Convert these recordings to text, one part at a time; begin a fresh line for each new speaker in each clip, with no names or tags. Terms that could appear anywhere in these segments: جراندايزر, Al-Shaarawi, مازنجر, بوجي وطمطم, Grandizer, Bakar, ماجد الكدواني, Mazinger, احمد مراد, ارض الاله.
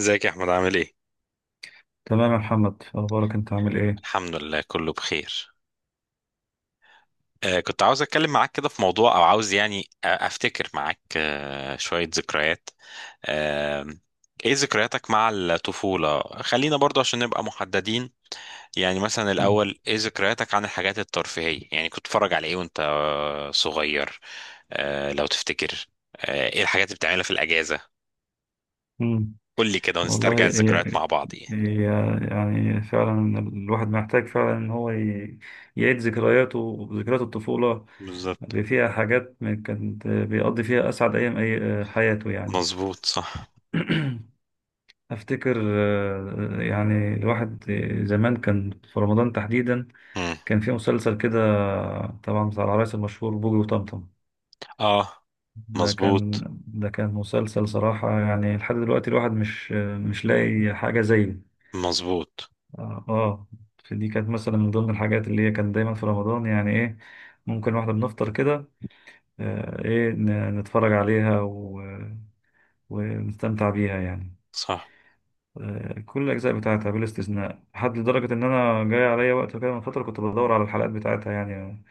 ازيك يا احمد عامل ايه؟
تمام يا محمد، أخبارك؟ أنت عامل إيه؟
الحمد لله كله بخير. كنت عاوز اتكلم معاك كده في موضوع او عاوز يعني افتكر معاك شوية ذكريات. آه ايه ذكرياتك مع الطفولة؟ خلينا برضو عشان نبقى محددين. يعني مثلا
مم.
الاول ايه ذكرياتك عن الحاجات الترفيهية؟ يعني كنت بتتفرج على ايه وانت صغير؟ لو تفتكر. ايه الحاجات اللي بتعملها في الاجازة؟
مم.
قول لي كده
والله،
ونسترجع الذكريات
هي
مع بعض يعني.
هي يعني فعلا الواحد محتاج فعلا إن هو يعيد ذكرياته، ذكريات الطفولة
بالظبط.
اللي فيها حاجات كانت بيقضي فيها أسعد أيام أي حياته يعني.
مظبوط، صح.
أفتكر، يعني الواحد زمان كان في رمضان تحديدا
مم.
كان في مسلسل كده، طبعا بتاع العرايس المشهور، بوجي وطمطم.
اه،
ده كان
مظبوط.
ده كان مسلسل صراحة، يعني لحد دلوقتي الواحد مش لاقي حاجة زيه.
مظبوط،
اه، آه. فدي كانت مثلا من ضمن الحاجات اللي هي كان دايما في رمضان، يعني ايه ممكن واحنا بنفطر كده ايه نتفرج عليها و... ونستمتع بيها يعني.
صح.
كل الأجزاء بتاعتها بلا استثناء، لحد لدرجة إن أنا جاي عليا وقت كده من فترة كنت بدور على الحلقات بتاعتها يعني،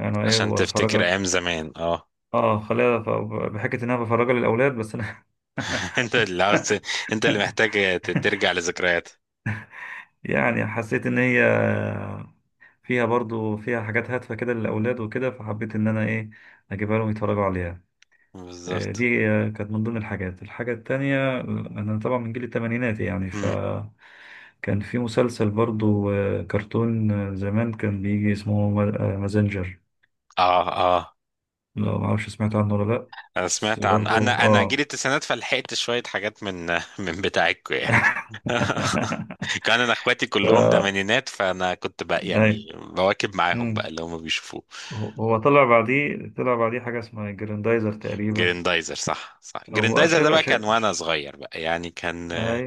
أنا إيه
عشان تفتكر
وأفرجها.
ايام زمان، اه.
خليها بحكة إن أنا بفرجها للأولاد، بس أنا
انت اللي عاوز ت- انت اللي محتاج ترجع لذكريات.
يعني حسيت ان هي فيها برضو فيها حاجات هادفة كده للأولاد وكده، فحبيت ان انا ايه اجيبها لهم يتفرجوا عليها. إيه،
بالظبط.
دي كانت من ضمن الحاجات. الحاجة التانية، انا طبعا من جيل التمانينات يعني،
امم.
فكان في مسلسل برضو، كرتون، زمان كان بيجي اسمه مازنجر.
اه، اه،
لو معرفش سمعت عنه ولا لأ.
انا
بس
سمعت عن
برضو
انا انا جيل
اه
التسعينات فلحقت شويه حاجات من من بتاعتكم يعني. كان انا اخواتي كلهم
ف
تمانينات فانا كنت بقى
اي.
يعني بواكب معاهم بقى
مم.
اللي هم بيشوفوه.
هو طلع بعديه حاجة اسمها جراندايزر تقريبا.
جريندايزر، صح، صح.
هو
جريندايزر ده
شبه
بقى
ش...
كان وانا
ش-
صغير بقى يعني كان.
هاي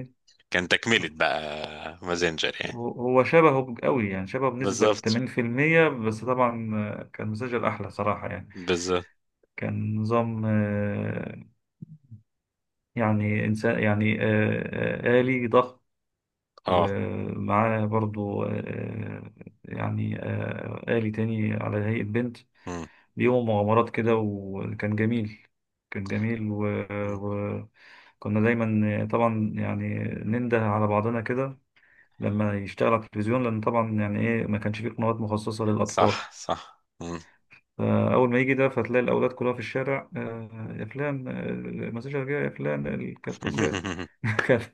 كان تكملة بقى، مازنجر يعني.
هو هو شبهه قوي يعني، شبهه بنسبة
بالظبط،
80%، بس طبعا كان مسجل أحلى صراحة يعني.
بالظبط.
كان نظام يعني إنسان، يعني آلي ضخم،
اه.
ومعاه برضو، يعني آلي تاني على هيئة بنت.
مم.
ليهم مغامرات كده وكان جميل، كان جميل. و...
مم.
و... كنا دايما طبعا يعني ننده على بعضنا كده لما يشتغل على التلفزيون، لان طبعا يعني ايه ما كانش فيه قنوات مخصصه للاطفال.
صح، صح. مم.
فاول ما يجي ده فتلاقي الاولاد كلها في الشارع، يا فلان، المساجة جاي، يا فلان الكرتون جاي. كانت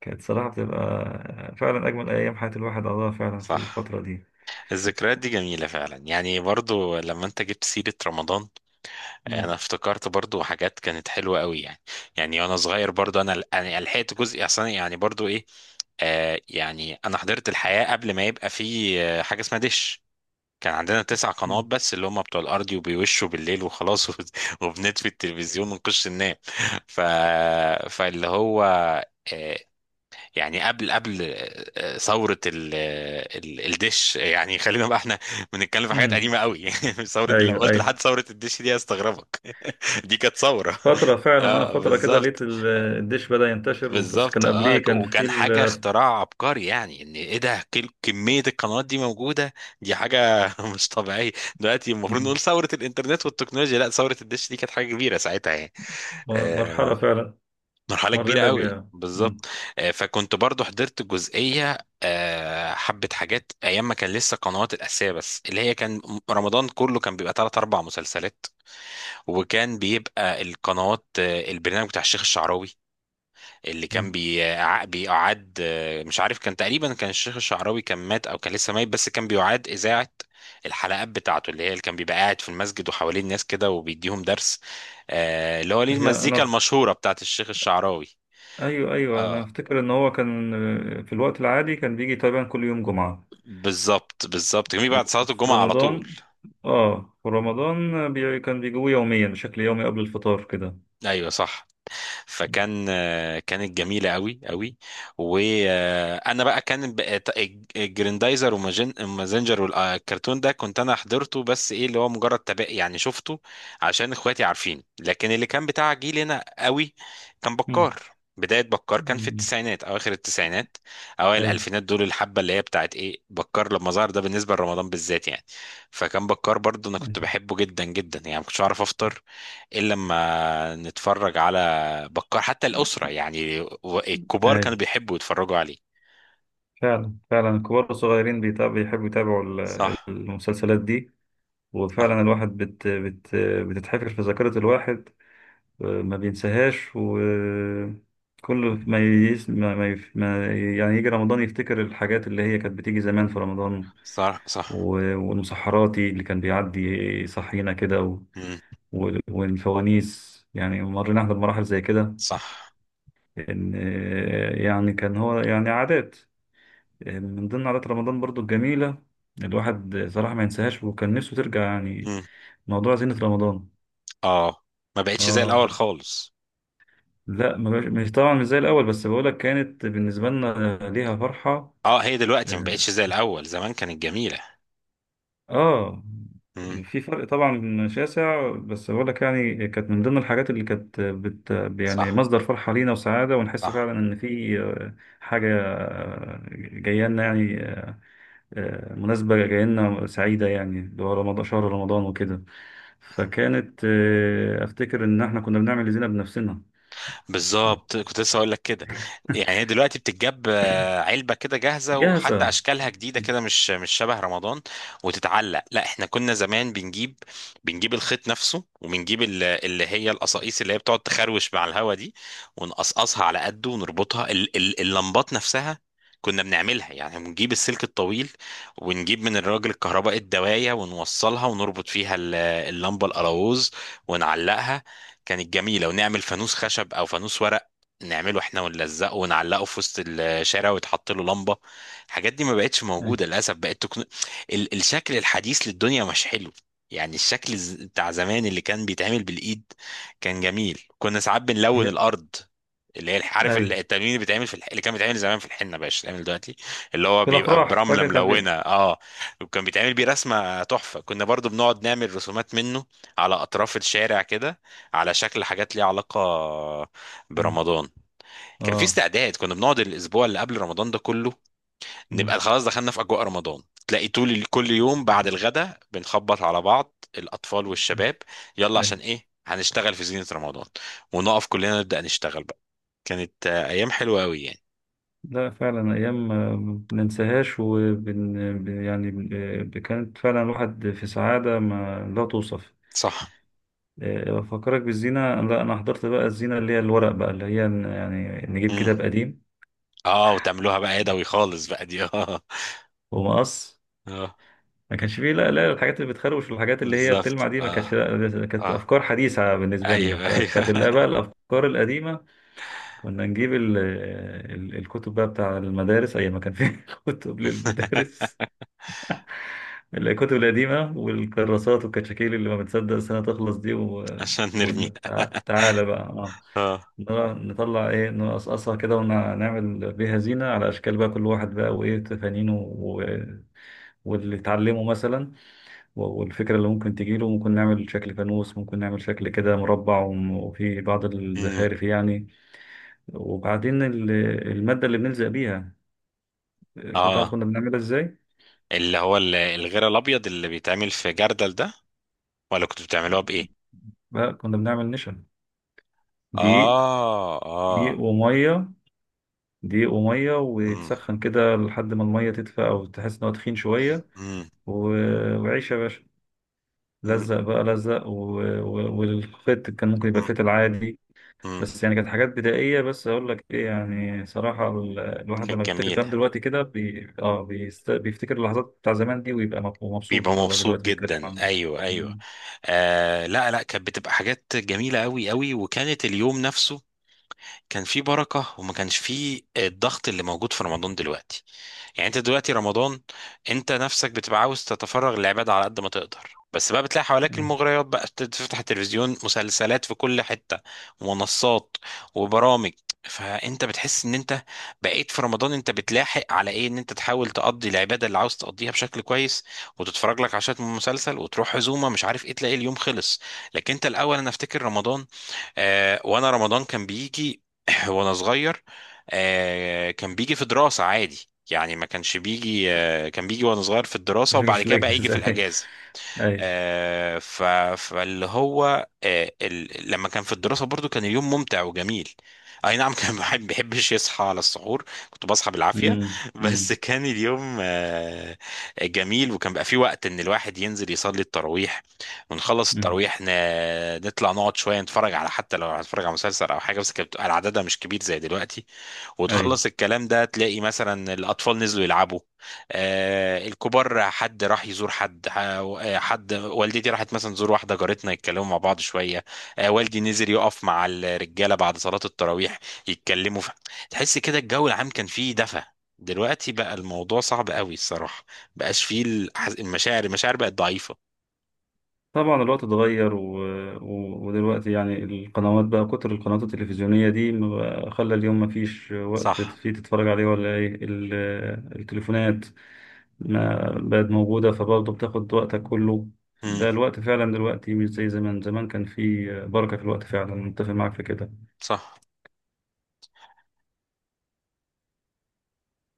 كانت صراحه بتبقى فعلا اجمل ايام حياه الواحد، قضاها فعلا في
صح.
الفتره دي.
الذكريات دي جميلة فعلا، يعني برضو لما انت جبت سيرة رمضان انا
مم.
افتكرت برضو حاجات كانت حلوة قوي يعني. يعني وانا صغير برضو انا لحقت جزء اصلا يعني برضو ايه. يعني انا حضرت الحياة قبل ما يبقى في حاجة اسمها دش. كان عندنا تسع قنوات
مم.
بس اللي هم بتوع الارضي وبيوشوا بالليل وخلاص. وبنطفي التلفزيون ونخش ننام. ف... فاللي هو آه، يعني قبل ثورة الدش. يعني خلينا بقى احنا بنتكلم في حاجات
مم.
قديمة قوي. ثورة، لو
ايوه،
قلت
ايوه.
لحد ثورة الدش دي هيستغربك. دي كانت ثورة.
فتره فعلا،
اه،
فتره كده لقيت
بالظبط.
الدش بدأ ينتشر، بس
بالظبط،
كان
اه،
قبليه كان في
وكان حاجة اختراع عبقري يعني ان ايه ده كمية القنوات دي موجودة. دي حاجة مش طبيعية. دلوقتي المفروض
مم.
نقول ثورة الانترنت والتكنولوجيا، لا، ثورة الدش دي كانت حاجة كبيرة ساعتها يعني.
مرحله
آه،
فعلا
مرحلة كبيرة
مرينا
قوي
بيها. مم.
بالظبط. فكنت برضو حضرت جزئية، حبة حاجات أيام ما كان لسه قنوات الأساسية بس اللي هي كان رمضان كله كان بيبقى تلات أربع مسلسلات. وكان بيبقى القنوات، البرنامج بتاع الشيخ الشعراوي اللي كان
مم.
بيقعد، مش عارف، كان تقريبا كان الشيخ الشعراوي كان مات أو كان لسه ميت، بس كان بيعاد إذاعة الحلقات بتاعته اللي هي اللي كان بيبقى قاعد في المسجد وحواليه الناس كده وبيديهم درس. اللي هو ليه
هي
المزيكا
انا،
المشهورة بتاعت الشيخ الشعراوي.
ايوه ايوه، انا
اه،
افتكر ان هو كان في الوقت العادي كان بيجي تقريبا كل يوم جمعة،
بالظبط، بالظبط، جميل، بعد صلاة
وفي
الجمعة على طول.
رمضان كان بيجيبوه يوميا بشكل يومي قبل الفطار كده.
ايوه، صح. فكان كانت جميله قوي قوي. وانا بقى الجريندايزر ومازنجر والكرتون ده كنت انا حضرته بس ايه اللي هو مجرد تابع يعني شفته عشان اخواتي عارفين. لكن اللي كان بتاع جيلنا قوي كان
مم.
بكار. بدايه بكار كان في
مم.
التسعينات، اواخر التسعينات اوائل
اي
الالفينات، دول الحبه اللي هي بتاعت ايه بكار لما ظهر ده بالنسبه لرمضان بالذات يعني. فكان بكار برضو انا كنت
اي
بحبه جدا جدا، يعني ما كنتش اعرف افطر الا لما نتفرج على بكار. حتى الأسرة يعني الكبار
اي،
كانوا بيحبوا يتفرجوا عليه.
فعلا فعلا الكبار والصغيرين بيحبوا يتابعوا
صح،
المسلسلات دي. وفعلا
صح.
الواحد بتتحفر في ذاكرة الواحد، ما بينساهاش، وكل ما يس... ما... ما... يف- ما يعني يجي رمضان يفتكر الحاجات اللي هي كانت بتيجي زمان في رمضان،
صح،
و...
صح.
والمسحراتي اللي كان بيعدي يصحينا كده،
مم.
والفوانيس. يعني مرينا احنا بمراحل زي كده،
صح.
ان يعني كان هو يعني عادات، من ضمن عادات رمضان برضو الجميلة. الواحد صراحة ما ينساهاش، وكان نفسه ترجع يعني
مم.
موضوع زينة رمضان.
اه، ما بقتش زي
اه،
الأول خالص.
لا، ما بقاش- مش طبعا، مش زي الاول، بس بقولك كانت بالنسبه لنا ليها فرحه.
اه، هي دلوقتي ما بقتش
اه،
زي الأول، زمان كانت جميلة.
آه،
مم.
في فرق طبعا شاسع، بس بقولك يعني كانت من ضمن الحاجات اللي كانت يعني
صح،
مصدر فرحه لينا وسعاده، ونحس
صح.
فعلا ان في حاجه جايه لنا يعني، مناسبه جايه لنا سعيده يعني، اللي هو رمضان، شهر رمضان وكده. فكانت افتكر ان احنا كنا بنعمل اللي زينا بنفسنا.
بالظبط، كنت لسه هقول لك كده. يعني هي دلوقتي بتتجاب علبه كده جاهزه، وحتى
جاهزه.
اشكالها جديده كده، مش شبه رمضان وتتعلق. لا، احنا كنا زمان بنجيب الخيط نفسه وبنجيب اللي هي القصاقيس اللي هي بتقعد تخروش مع الهوا دي، ونقصقصها على قده، ونربطها اللمبات نفسها. كنا بنعملها يعني، بنجيب السلك الطويل، ونجيب من الراجل الكهرباء الدواية، ونوصلها ونربط فيها اللمبة القلاووز ونعلقها. كانت جميلة. ونعمل فانوس خشب أو فانوس ورق نعمله احنا ونلزقه ونعلقه في وسط الشارع، ويتحط له لمبة. الحاجات دي ما بقتش موجودة
أيوة.
للأسف، بقت الشكل الحديث للدنيا مش حلو. يعني الشكل بتاع زمان اللي كان بيتعمل بالإيد كان جميل. كنا ساعات بنلون
هي-
الأرض، اللي هي عارف
أيوة.
التلوين اللي بيتعمل في اللي كان بيتعمل زمان في الحنه بقاش بيتعمل دلوقتي. اللي هو
في
بيبقى
الأفراح
برمله
فاكر كان
ملونه،
في.
اه. وكان بيتعمل بيه رسمه تحفه، كنا برضو بنقعد نعمل رسومات منه على اطراف الشارع كده، على شكل حاجات ليها علاقة
مم.
برمضان. كان في
آه
استعداد، كنا بنقعد الأسبوع اللي قبل رمضان ده كله نبقى
مم.
خلاص دخلنا في أجواء رمضان. تلاقي طول كل يوم بعد الغداء بنخبط على بعض، الأطفال
مم.
والشباب، يلا عشان
أيوة.
إيه هنشتغل في زينة رمضان، ونقف كلنا نبدأ نشتغل بقى. كانت أيام حلوة أوي يعني.
لا فعلا أيام ما بننساهاش، وبن ب- يعني بن- ب- كانت فعلا الواحد في سعادة ما لا توصف.
صح.
أفكرك بالزينة. لا أنا حضرت بقى الزينة اللي هي الورق بقى، اللي هي يعني نجيب
مم.
كتاب قديم
اه، وتعملوها بقى يدوي خالص بقى دي، اه.
ومقص.
اه،
ما كانش فيه، لا لا، الحاجات اللي بتخروش والحاجات اللي هي
بالظبط.
بتلمع دي ما كانش،
اه،
لا كانت
اه،
أفكار حديثة بالنسبة لنا،
ايوه،
فكانت
ايوه.
بقى الأفكار القديمة. كنا نجيب ال الكتب بقى بتاع المدارس أيام ما كان في كتب للمدارس. الكتب القديمة والكراسات والكشاكيل اللي ما بتصدق السنة تخلص دي،
عشان نرميها.
وتعالى بقى،
اه.
نرى- نطلع ايه نقصقصها كده ونعمل بيها زينة على أشكال، بقى كل واحد بقى وإيه تفانينه، واللي اتعلمه مثلا، والفكرة اللي ممكن تجيله. ممكن نعمل شكل فانوس، ممكن نعمل شكل كده مربع، وفي بعض
مم.
الزخارف يعني. وبعدين المادة اللي بنلزق بيها، كنت تعرف
اه.
كنا بنعملها ازاي؟
اللي هو الغير الابيض اللي بيتعمل في جردل ده، ولا كنتوا بتعملوها بايه؟
لا، كنا بنعمل نشا، دقيق
اه،
دقيق
اه.
وميه دقيق وميه
امم.
ويتسخن كده لحد ما الميه تدفى، او تحس ان هو تخين شويه.
امم.
وعيش يا باشا،
امم.
لزق بقى لزق. والخيط كان ممكن يبقى فيت العادي.
امم.
بس يعني كانت حاجات بدائيه، بس اقول لك ايه يعني صراحه، الواحد لما
كانت
بيفتكر الكلام
جميله،
دلوقتي كده بيفتكر اللحظات بتاع زمان دي، ويبقى مبسوط
بيبقى
وهو
مبسوط
دلوقتي بيتكلم
جدا،
عنه.
ايوه، ايوه.
مم.
لا، لا، كانت بتبقى حاجات جميله قوي قوي. وكانت اليوم نفسه كان فيه بركه، وما كانش فيه الضغط اللي موجود في رمضان دلوقتي. يعني انت دلوقتي رمضان، انت نفسك بتبقى عاوز تتفرغ للعبادة على قد ما تقدر، بس بقى بتلاقي حواليك
أيوة.
المغريات، بقى تفتح التلفزيون مسلسلات في كل حتة، ومنصات، وبرامج. فانت بتحس ان انت بقيت في رمضان انت بتلاحق على ايه، ان انت تحاول تقضي العبادة اللي عاوز تقضيها بشكل كويس، وتتفرج لك عشان من مسلسل، وتروح عزومة، مش عارف ايه، تلاقي اليوم خلص. لكن انت الاول انا افتكر رمضان، وانا رمضان كان بيجي وانا صغير، كان بيجي في دراسة عادي يعني، ما كانش بيجي، كان بيجي وانا صغير في الدراسة
مش هجيش
وبعد
في
كده بقى يجي في
الاجهزه
الأجازة.
اي
آه، ف- فاللي هو لما كان في الدراسة برضو كان اليوم ممتع وجميل. اي نعم. كان بحبش يصحى على السحور، كنت بصحى بالعافية،
اي.
بس كان اليوم جميل. وكان بقى فيه وقت ان الواحد ينزل يصلي التراويح، ونخلص
مم.
التراويح نطلع نقعد شوية نتفرج على حتى لو هنتفرج على مسلسل او حاجة، بس كانت بتبقى العددها مش كبير زي دلوقتي.
أي.
وتخلص الكلام ده تلاقي مثلا الأطفال نزلوا يلعبوا. آه، الكبار حد راح يزور حد، حد والدتي راحت مثلا تزور واحدة جارتنا يتكلموا مع بعض شوية. آه، والدي نزل يقف مع الرجالة بعد صلاة التراويح يتكلموا. تحس كده الجو العام كان فيه دفى. دلوقتي بقى الموضوع صعب قوي الصراحة. بقاش فيه المشاعر بقت ضعيفة.
طبعا الوقت اتغير، ودلوقتي يعني القنوات بقى، كتر القنوات التلفزيونية دي، ما بقى- خلى اليوم ما فيش وقت
صح.
فيه تتفرج عليه، ولا إيه التليفونات ما بقت موجودة فبرضه بتاخد وقتك كله. بقى
امم.
الوقت فعلا دلوقتي مش زي زمان، زمان كان فيه بركة في الوقت. فعلا متفق معاك في كده
صح.